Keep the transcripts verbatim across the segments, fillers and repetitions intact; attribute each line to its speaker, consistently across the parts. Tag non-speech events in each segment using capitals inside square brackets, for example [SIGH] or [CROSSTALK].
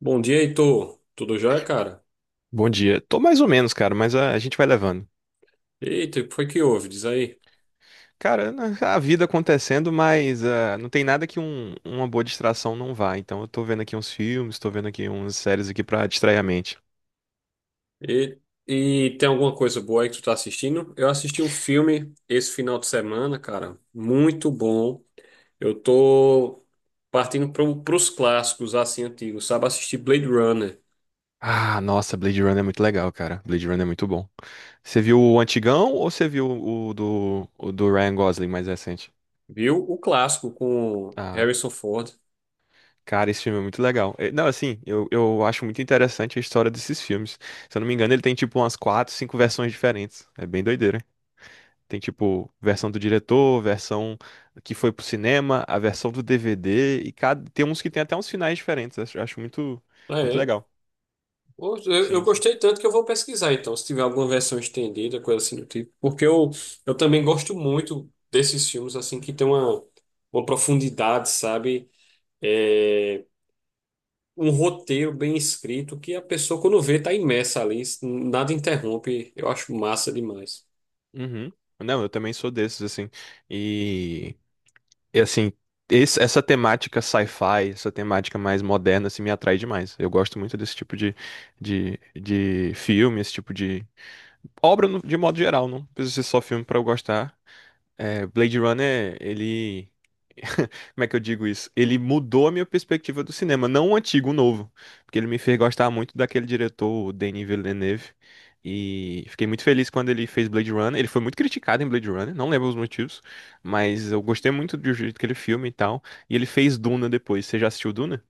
Speaker 1: Bom dia, Heitor. Tudo jóia, cara?
Speaker 2: Bom dia. Tô mais ou menos, cara, mas ah, a gente vai levando.
Speaker 1: Eita, o que foi que houve? Diz aí.
Speaker 2: Cara, né, a vida acontecendo, mas ah, não tem nada que um- uma boa distração não vá. Então eu tô vendo aqui uns filmes, tô vendo aqui umas séries aqui pra distrair a mente.
Speaker 1: E, e tem alguma coisa boa aí que tu tá assistindo? Eu assisti um filme esse final de semana, cara. Muito bom. Eu tô partindo pro, pros clássicos, assim, antigos. Sabe, assisti Blade Runner.
Speaker 2: Ah, nossa, Blade Runner é muito legal, cara. Blade Runner é muito bom. Você viu o antigão ou você viu o do, o do Ryan Gosling mais recente?
Speaker 1: Viu? O clássico com
Speaker 2: Ah,
Speaker 1: Harrison Ford.
Speaker 2: cara, esse filme é muito legal. Eh, Não, assim, eu, eu acho muito interessante a história desses filmes. Se eu não me engano, ele tem tipo umas quatro, cinco versões diferentes. É bem doideira. Tem tipo versão do diretor, versão que foi pro cinema, a versão do D V D, e cada tem uns que tem até uns finais diferentes. Acho, acho muito muito
Speaker 1: É,
Speaker 2: legal.
Speaker 1: Poxa, Eu, eu
Speaker 2: Sim, sim.
Speaker 1: gostei tanto que eu vou pesquisar, então, se tiver alguma versão estendida, coisa assim do tipo. Porque eu, eu também gosto muito desses filmes, assim, que tem uma, uma profundidade, sabe? É, um roteiro bem escrito que a pessoa, quando vê, tá imersa ali, nada interrompe. Eu acho massa demais.
Speaker 2: Uhum. Não, eu também sou desses assim. E, e assim, esse- essa temática sci-fi, essa temática mais moderna assim me atrai demais. Eu gosto muito desse tipo de de, de filme, esse tipo de obra no- de modo geral, não precisa ser só filme pra eu gostar. É, Blade Runner, ele [LAUGHS] Como é que eu digo isso? Ele mudou a minha perspectiva do cinema, não o antigo, o novo. Porque ele me fez gostar muito daquele diretor, o Denis Villeneuve. E fiquei muito feliz quando ele fez Blade Runner. Ele foi muito criticado em Blade Runner, não lembro os motivos, mas eu gostei muito do jeito que ele filma e tal. E ele fez Duna depois. Você já assistiu Duna?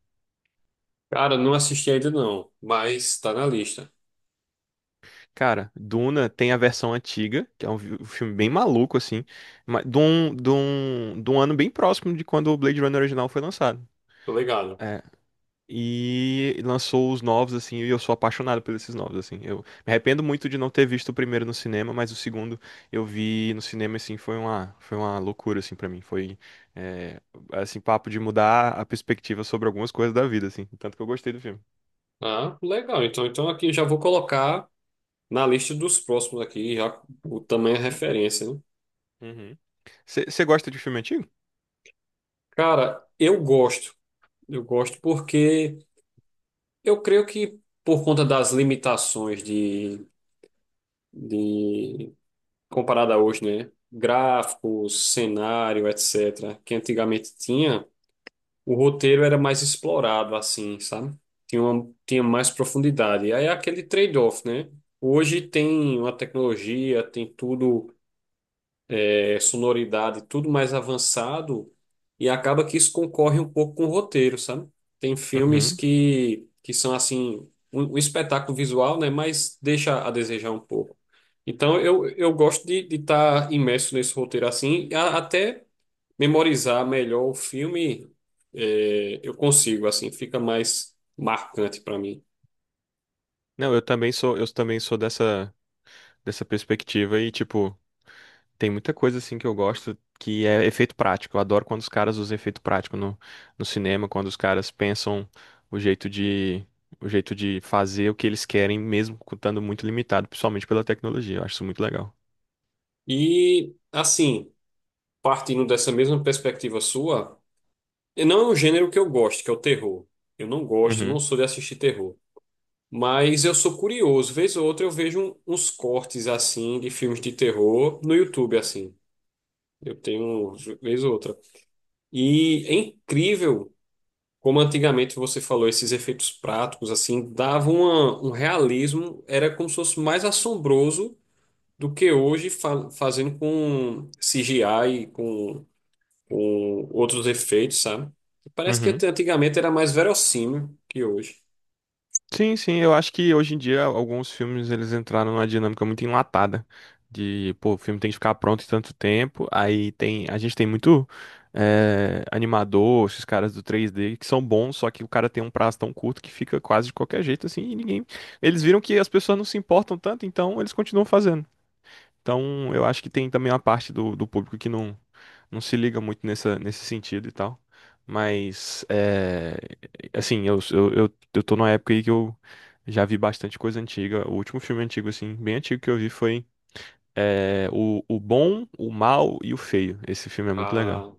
Speaker 1: Cara, não assisti ainda não, mas tá na lista.
Speaker 2: Cara, Duna tem a versão antiga, que é um vi- um filme bem maluco, assim, mas de um, de um, de um ano bem próximo de quando o Blade Runner original foi lançado.
Speaker 1: Tô ligado.
Speaker 2: É, e lançou os novos, assim, e eu sou apaixonado por esses novos, assim. Eu me arrependo muito de não ter visto o primeiro no cinema, mas o segundo eu vi no cinema, assim, foi uma, foi uma loucura, assim, pra mim. Foi, é, assim, papo de mudar a perspectiva sobre algumas coisas da vida, assim. Tanto que eu gostei do filme.
Speaker 1: Ah, legal. Então, então aqui já vou colocar na lista dos próximos aqui, já o tamanho é referência, né?
Speaker 2: Uhum. Você gosta de filme antigo?
Speaker 1: Cara, eu gosto. Eu gosto porque eu creio que por conta das limitações de, de comparada a hoje, né? Gráficos, cenário, etcétera, que antigamente tinha, o roteiro era mais explorado, assim, sabe? Tinha, uma- tinha mais profundidade. Aí é aquele trade-off, né? Hoje tem uma tecnologia, tem tudo é, sonoridade, tudo mais avançado, e acaba que isso concorre um pouco com o roteiro, sabe? Tem filmes
Speaker 2: Uhum.
Speaker 1: que, que são assim, um, um espetáculo visual, né? Mas deixa a desejar um pouco. Então eu, eu gosto de estar imerso nesse roteiro assim, e a- até memorizar melhor o filme, é, eu consigo, assim, fica mais marcante para mim.
Speaker 2: Não, eu também sou, eu também sou dessa, dessa perspectiva e, tipo, tem muita coisa assim que eu gosto que é efeito prático. Eu adoro quando os caras usam efeito prático no, no cinema, quando os caras pensam o jeito de o jeito de fazer o que eles querem, mesmo estando muito limitado, principalmente pela tecnologia. Eu acho isso muito legal.
Speaker 1: E assim, partindo dessa mesma perspectiva sua. E não é um gênero que eu gosto, que é o terror. Eu não gosto, não
Speaker 2: Uhum.
Speaker 1: sou de assistir terror. Mas eu sou curioso, vez ou outra eu vejo um- uns cortes assim de filmes de terror no YouTube assim. Eu tenho vez ou outra. E é incrível como antigamente você falou esses efeitos práticos assim, davam uma- um realismo, era como se fosse mais assombroso do que hoje fa- fazendo com C G I e com ou outros efeitos, sabe? Parece que
Speaker 2: Uhum.
Speaker 1: ante- antigamente era mais verossímil que hoje.
Speaker 2: Sim, sim, eu acho que hoje em dia alguns filmes eles entraram numa dinâmica muito enlatada de, pô, o filme tem que ficar pronto em tanto tempo, aí tem, a gente tem muito eh, animador, esses caras do três D que são bons, só que o cara tem um prazo tão curto que fica quase de qualquer jeito assim, e ninguém, eles viram que as pessoas não se importam tanto, então eles continuam fazendo. Então, eu acho que tem também uma parte do, do público que não, não se liga muito nessa, nesse sentido e tal. Mas, é, assim, eu, eu, eu, eu tô numa época aí que eu já vi bastante coisa antiga. O último filme antigo, assim, bem antigo que eu vi foi é, o, o Bom, o Mal e o Feio. Esse filme é muito legal.
Speaker 1: Ah,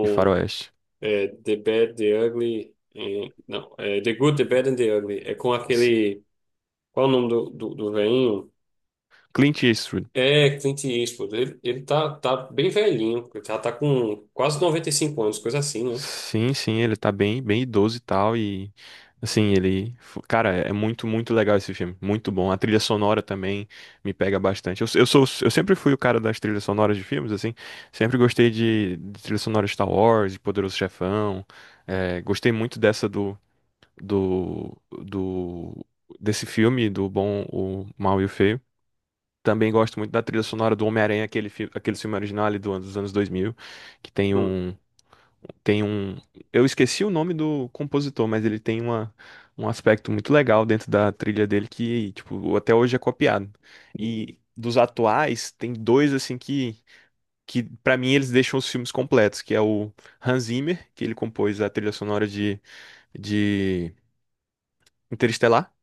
Speaker 2: De faroeste.
Speaker 1: é, The Bad, The Ugly. Eh, não, é The Good, The Bad and The Ugly. É com aquele. Qual o nome do, do, do velhinho?
Speaker 2: Clint Eastwood.
Speaker 1: É Clint Eastwood. Ele, ele tá, tá bem velhinho. Ele tá, tá com quase noventa e cinco anos, coisa assim, né?
Speaker 2: Sim, sim, ele tá bem, bem idoso e tal, e assim, ele, fo- cara, é muito, muito legal esse filme, muito bom. A trilha sonora também me pega bastante. Eu, eu sou, eu sempre fui o cara das trilhas sonoras de filmes, assim, sempre gostei de, de trilha sonora de Star Wars, de Poderoso Chefão, é, gostei muito dessa do, do, do, desse filme, do Bom, o Mal e o Feio. Também gosto muito da trilha sonora do Homem-Aranha, aquele, fi- aquele filme original ali do, dos anos dois mil que tem
Speaker 1: Hum.
Speaker 2: um tem um. Eu esqueci o nome do compositor, mas ele tem uma, um aspecto muito legal dentro da trilha dele que, tipo, até hoje é copiado. E dos atuais, tem dois, assim, que, que para mim eles deixam os filmes completos, que é o Hans Zimmer, que ele compôs a trilha sonora de, de Interestelar,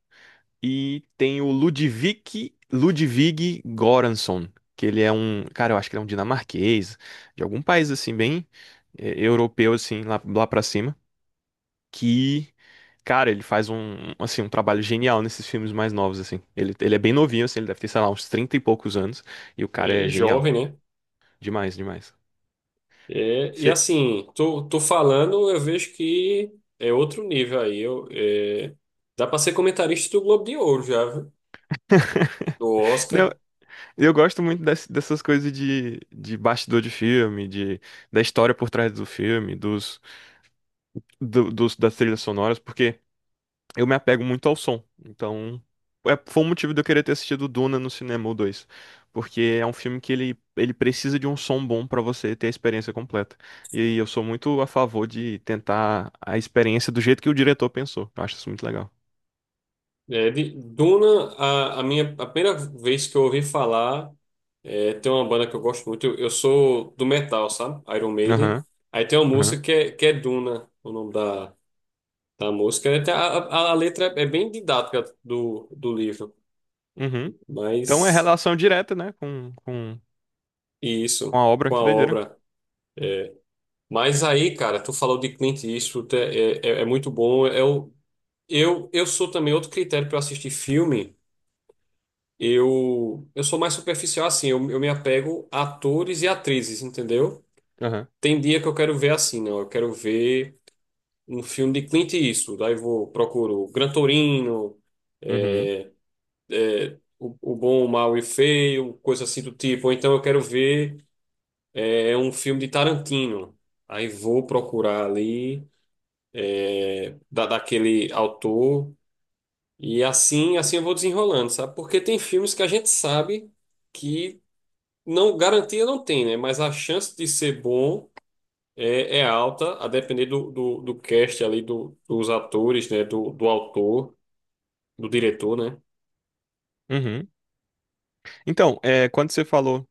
Speaker 2: e tem o Ludwig, Ludwig Göransson, que ele é um. Cara, eu acho que ele é um dinamarquês, de algum país, assim, bem. eh, Europeu, assim, lá, lá pra cima. Que, cara, ele faz um, assim, um trabalho genial nesses filmes mais novos, assim. Ele, ele é bem novinho, assim, ele deve ter, sei lá, uns trinta e poucos anos, e o cara é
Speaker 1: É jovem,
Speaker 2: genial.
Speaker 1: né?
Speaker 2: Demais, demais.
Speaker 1: É, e
Speaker 2: Você-
Speaker 1: assim, tô, tô falando, eu vejo que é outro nível aí. Eu, é, dá pra ser comentarista do Globo de Ouro já, viu? Do
Speaker 2: [LAUGHS] Não,
Speaker 1: Oscar.
Speaker 2: eu gosto muito dess- dessas coisas de, de bastidor de filme, de, da história por trás do filme, dos, do- dos, das trilhas sonoras, porque eu me apego muito ao som. Então, é, foi o motivo de eu querer ter assistido Duna no cinema, o dois. Porque é um filme que ele, ele precisa de um som bom pra você ter a experiência completa. E eu sou muito a favor de tentar a experiência do jeito que o diretor pensou. Eu acho isso muito legal.
Speaker 1: É, de Duna, a, a minha a primeira vez que eu ouvi falar, é, tem uma banda que eu gosto muito. Eu, eu sou do metal, sabe? Iron Maiden.
Speaker 2: Aham,
Speaker 1: Aí tem uma
Speaker 2: aham,
Speaker 1: música que é, que é Duna, o nome da, da música. Até A, a, a letra é bem didática do, do livro,
Speaker 2: uhum. Então é
Speaker 1: mas
Speaker 2: relação direta, né, com, com,
Speaker 1: e
Speaker 2: com
Speaker 1: isso,
Speaker 2: a obra,
Speaker 1: com a
Speaker 2: que doideira.
Speaker 1: obra. é, Mas aí, cara, tu falou de Clint Eastwood, é, é, é é muito bom. Eu, eu, eu sou também outro critério para assistir filme. Eu, eu sou mais superficial assim, eu, eu me apego a atores e atrizes, entendeu?
Speaker 2: Aham,
Speaker 1: Tem dia que eu quero ver assim, não, eu quero ver um filme de Clint Eastwood, daí vou, procuro Gran Torino,
Speaker 2: uhum,
Speaker 1: é, é, o, o Bom, o Mal e o Feio, coisa assim do tipo. Ou então eu quero ver é, é um filme de Tarantino, aí vou procurar ali da, daquele autor. E assim, assim eu vou desenrolando, sabe? Porque tem filmes que a gente sabe que não garantia não tem, né? Mas a chance de ser bom é, é alta, a depender do, do, do cast ali, do, dos atores, né? Do, do autor, do diretor, né?
Speaker 2: uhum. Então, é, quando você falou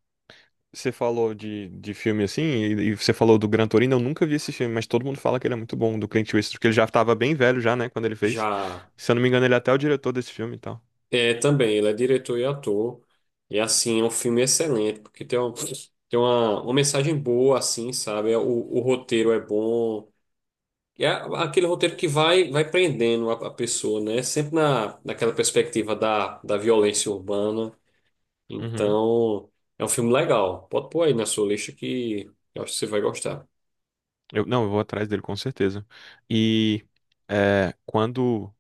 Speaker 2: você falou de, de filme assim, e, e você falou do Gran Torino, eu nunca vi esse filme, mas todo mundo fala que ele é muito bom, do Clint Eastwood, porque ele já estava bem velho já, né, quando ele fez.
Speaker 1: Já
Speaker 2: Se eu não me engano, ele é até o diretor desse filme e tal.
Speaker 1: é também, ele é diretor e ator. E assim, é um filme excelente, porque tem, um, tem uma, uma mensagem boa, assim, sabe? O, o roteiro é bom. E é aquele roteiro que vai, vai prendendo a, a pessoa, né? Sempre na, naquela perspectiva da, da violência urbana.
Speaker 2: Uhum.
Speaker 1: Então, é um filme legal. Pode pôr aí na sua lista que eu acho que você vai gostar.
Speaker 2: Eu, não, eu vou atrás dele com certeza. E é, quando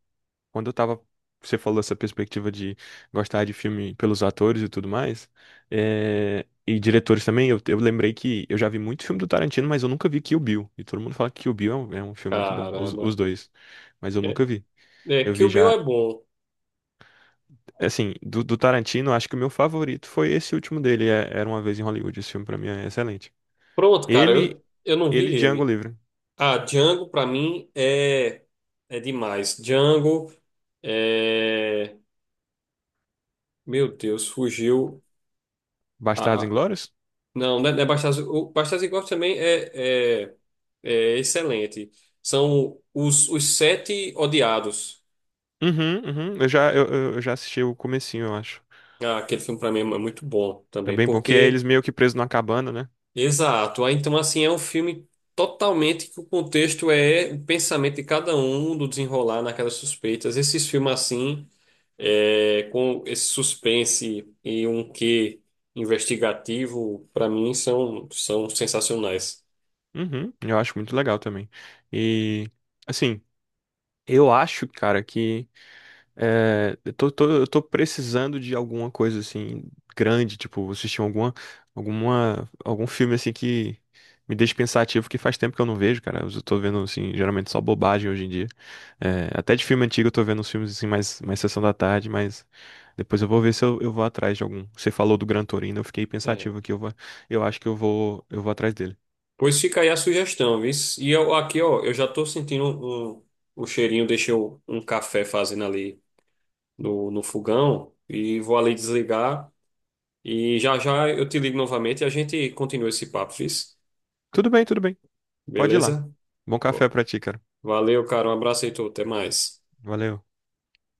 Speaker 2: Quando eu tava, você falou essa perspectiva de gostar de filme pelos atores e tudo mais, é, e diretores também, eu, eu lembrei que eu já vi muito filme do Tarantino, mas eu nunca vi Kill Bill. E todo mundo fala que Kill Bill é um, é um, filme muito bom, os, os
Speaker 1: Caramba.
Speaker 2: dois. Mas eu
Speaker 1: É,
Speaker 2: nunca vi.
Speaker 1: é,
Speaker 2: Eu
Speaker 1: Kill
Speaker 2: vi
Speaker 1: Bill
Speaker 2: já,
Speaker 1: é bom.
Speaker 2: assim, do, do Tarantino, acho que o meu favorito foi esse último dele, é- Era Uma Vez em Hollywood. Esse filme pra mim é excelente.
Speaker 1: Pronto, cara,
Speaker 2: Ele,
Speaker 1: eu, eu não vi
Speaker 2: ele, e Django
Speaker 1: ele.
Speaker 2: Livre.
Speaker 1: Ah, Django, pra mim, é, é demais. Django, é... Meu Deus, fugiu.
Speaker 2: Bastardos Inglórios?
Speaker 1: Não, não é não é Bastardos. O Bastardos Inglórios também é, é, é excelente. São os, os Sete Odiados.
Speaker 2: Uhum, uhum. Eu já, eu, eu eu já assisti o comecinho, eu acho.
Speaker 1: Ah, aquele filme pra mim é muito bom
Speaker 2: É
Speaker 1: também.
Speaker 2: bem bom, que é
Speaker 1: Porque,
Speaker 2: eles meio que presos numa cabana, né?
Speaker 1: exato. Ah, então, assim, é um filme totalmente que o contexto é o pensamento de cada um, do desenrolar naquelas suspeitas. Esses filmes assim, é, com esse suspense e um quê investigativo, pra mim, são, são sensacionais.
Speaker 2: Uhum, eu acho muito legal também. E, assim, eu acho, cara, que é, eu tô, tô- eu tô precisando de alguma coisa, assim, grande, tipo, assistir alguma, alguma, algum filme, assim, que me deixe pensativo, que faz tempo que eu não vejo, cara. Eu tô vendo, assim, geralmente só bobagem hoje em dia. É, até de filme antigo eu tô vendo uns filmes, assim, mais, mais sessão da tarde, mas depois eu vou ver se eu, eu vou atrás de algum. Você falou do Gran Torino, eu fiquei
Speaker 1: É.
Speaker 2: pensativo aqui, eu vou, eu acho que eu vou, eu vou atrás dele.
Speaker 1: Pois fica aí a sugestão, viu? E eu aqui, ó, eu já tô sentindo um, o cheirinho, deixei um, um café fazendo ali no, no fogão e vou ali desligar e já já eu te ligo novamente e a gente continua esse papo, viu?
Speaker 2: Tudo bem, tudo bem. Pode ir lá.
Speaker 1: Beleza?
Speaker 2: Bom café
Speaker 1: Va-
Speaker 2: pra ti, cara.
Speaker 1: Valeu, cara, um abraço aí, tu, até mais.
Speaker 2: Valeu.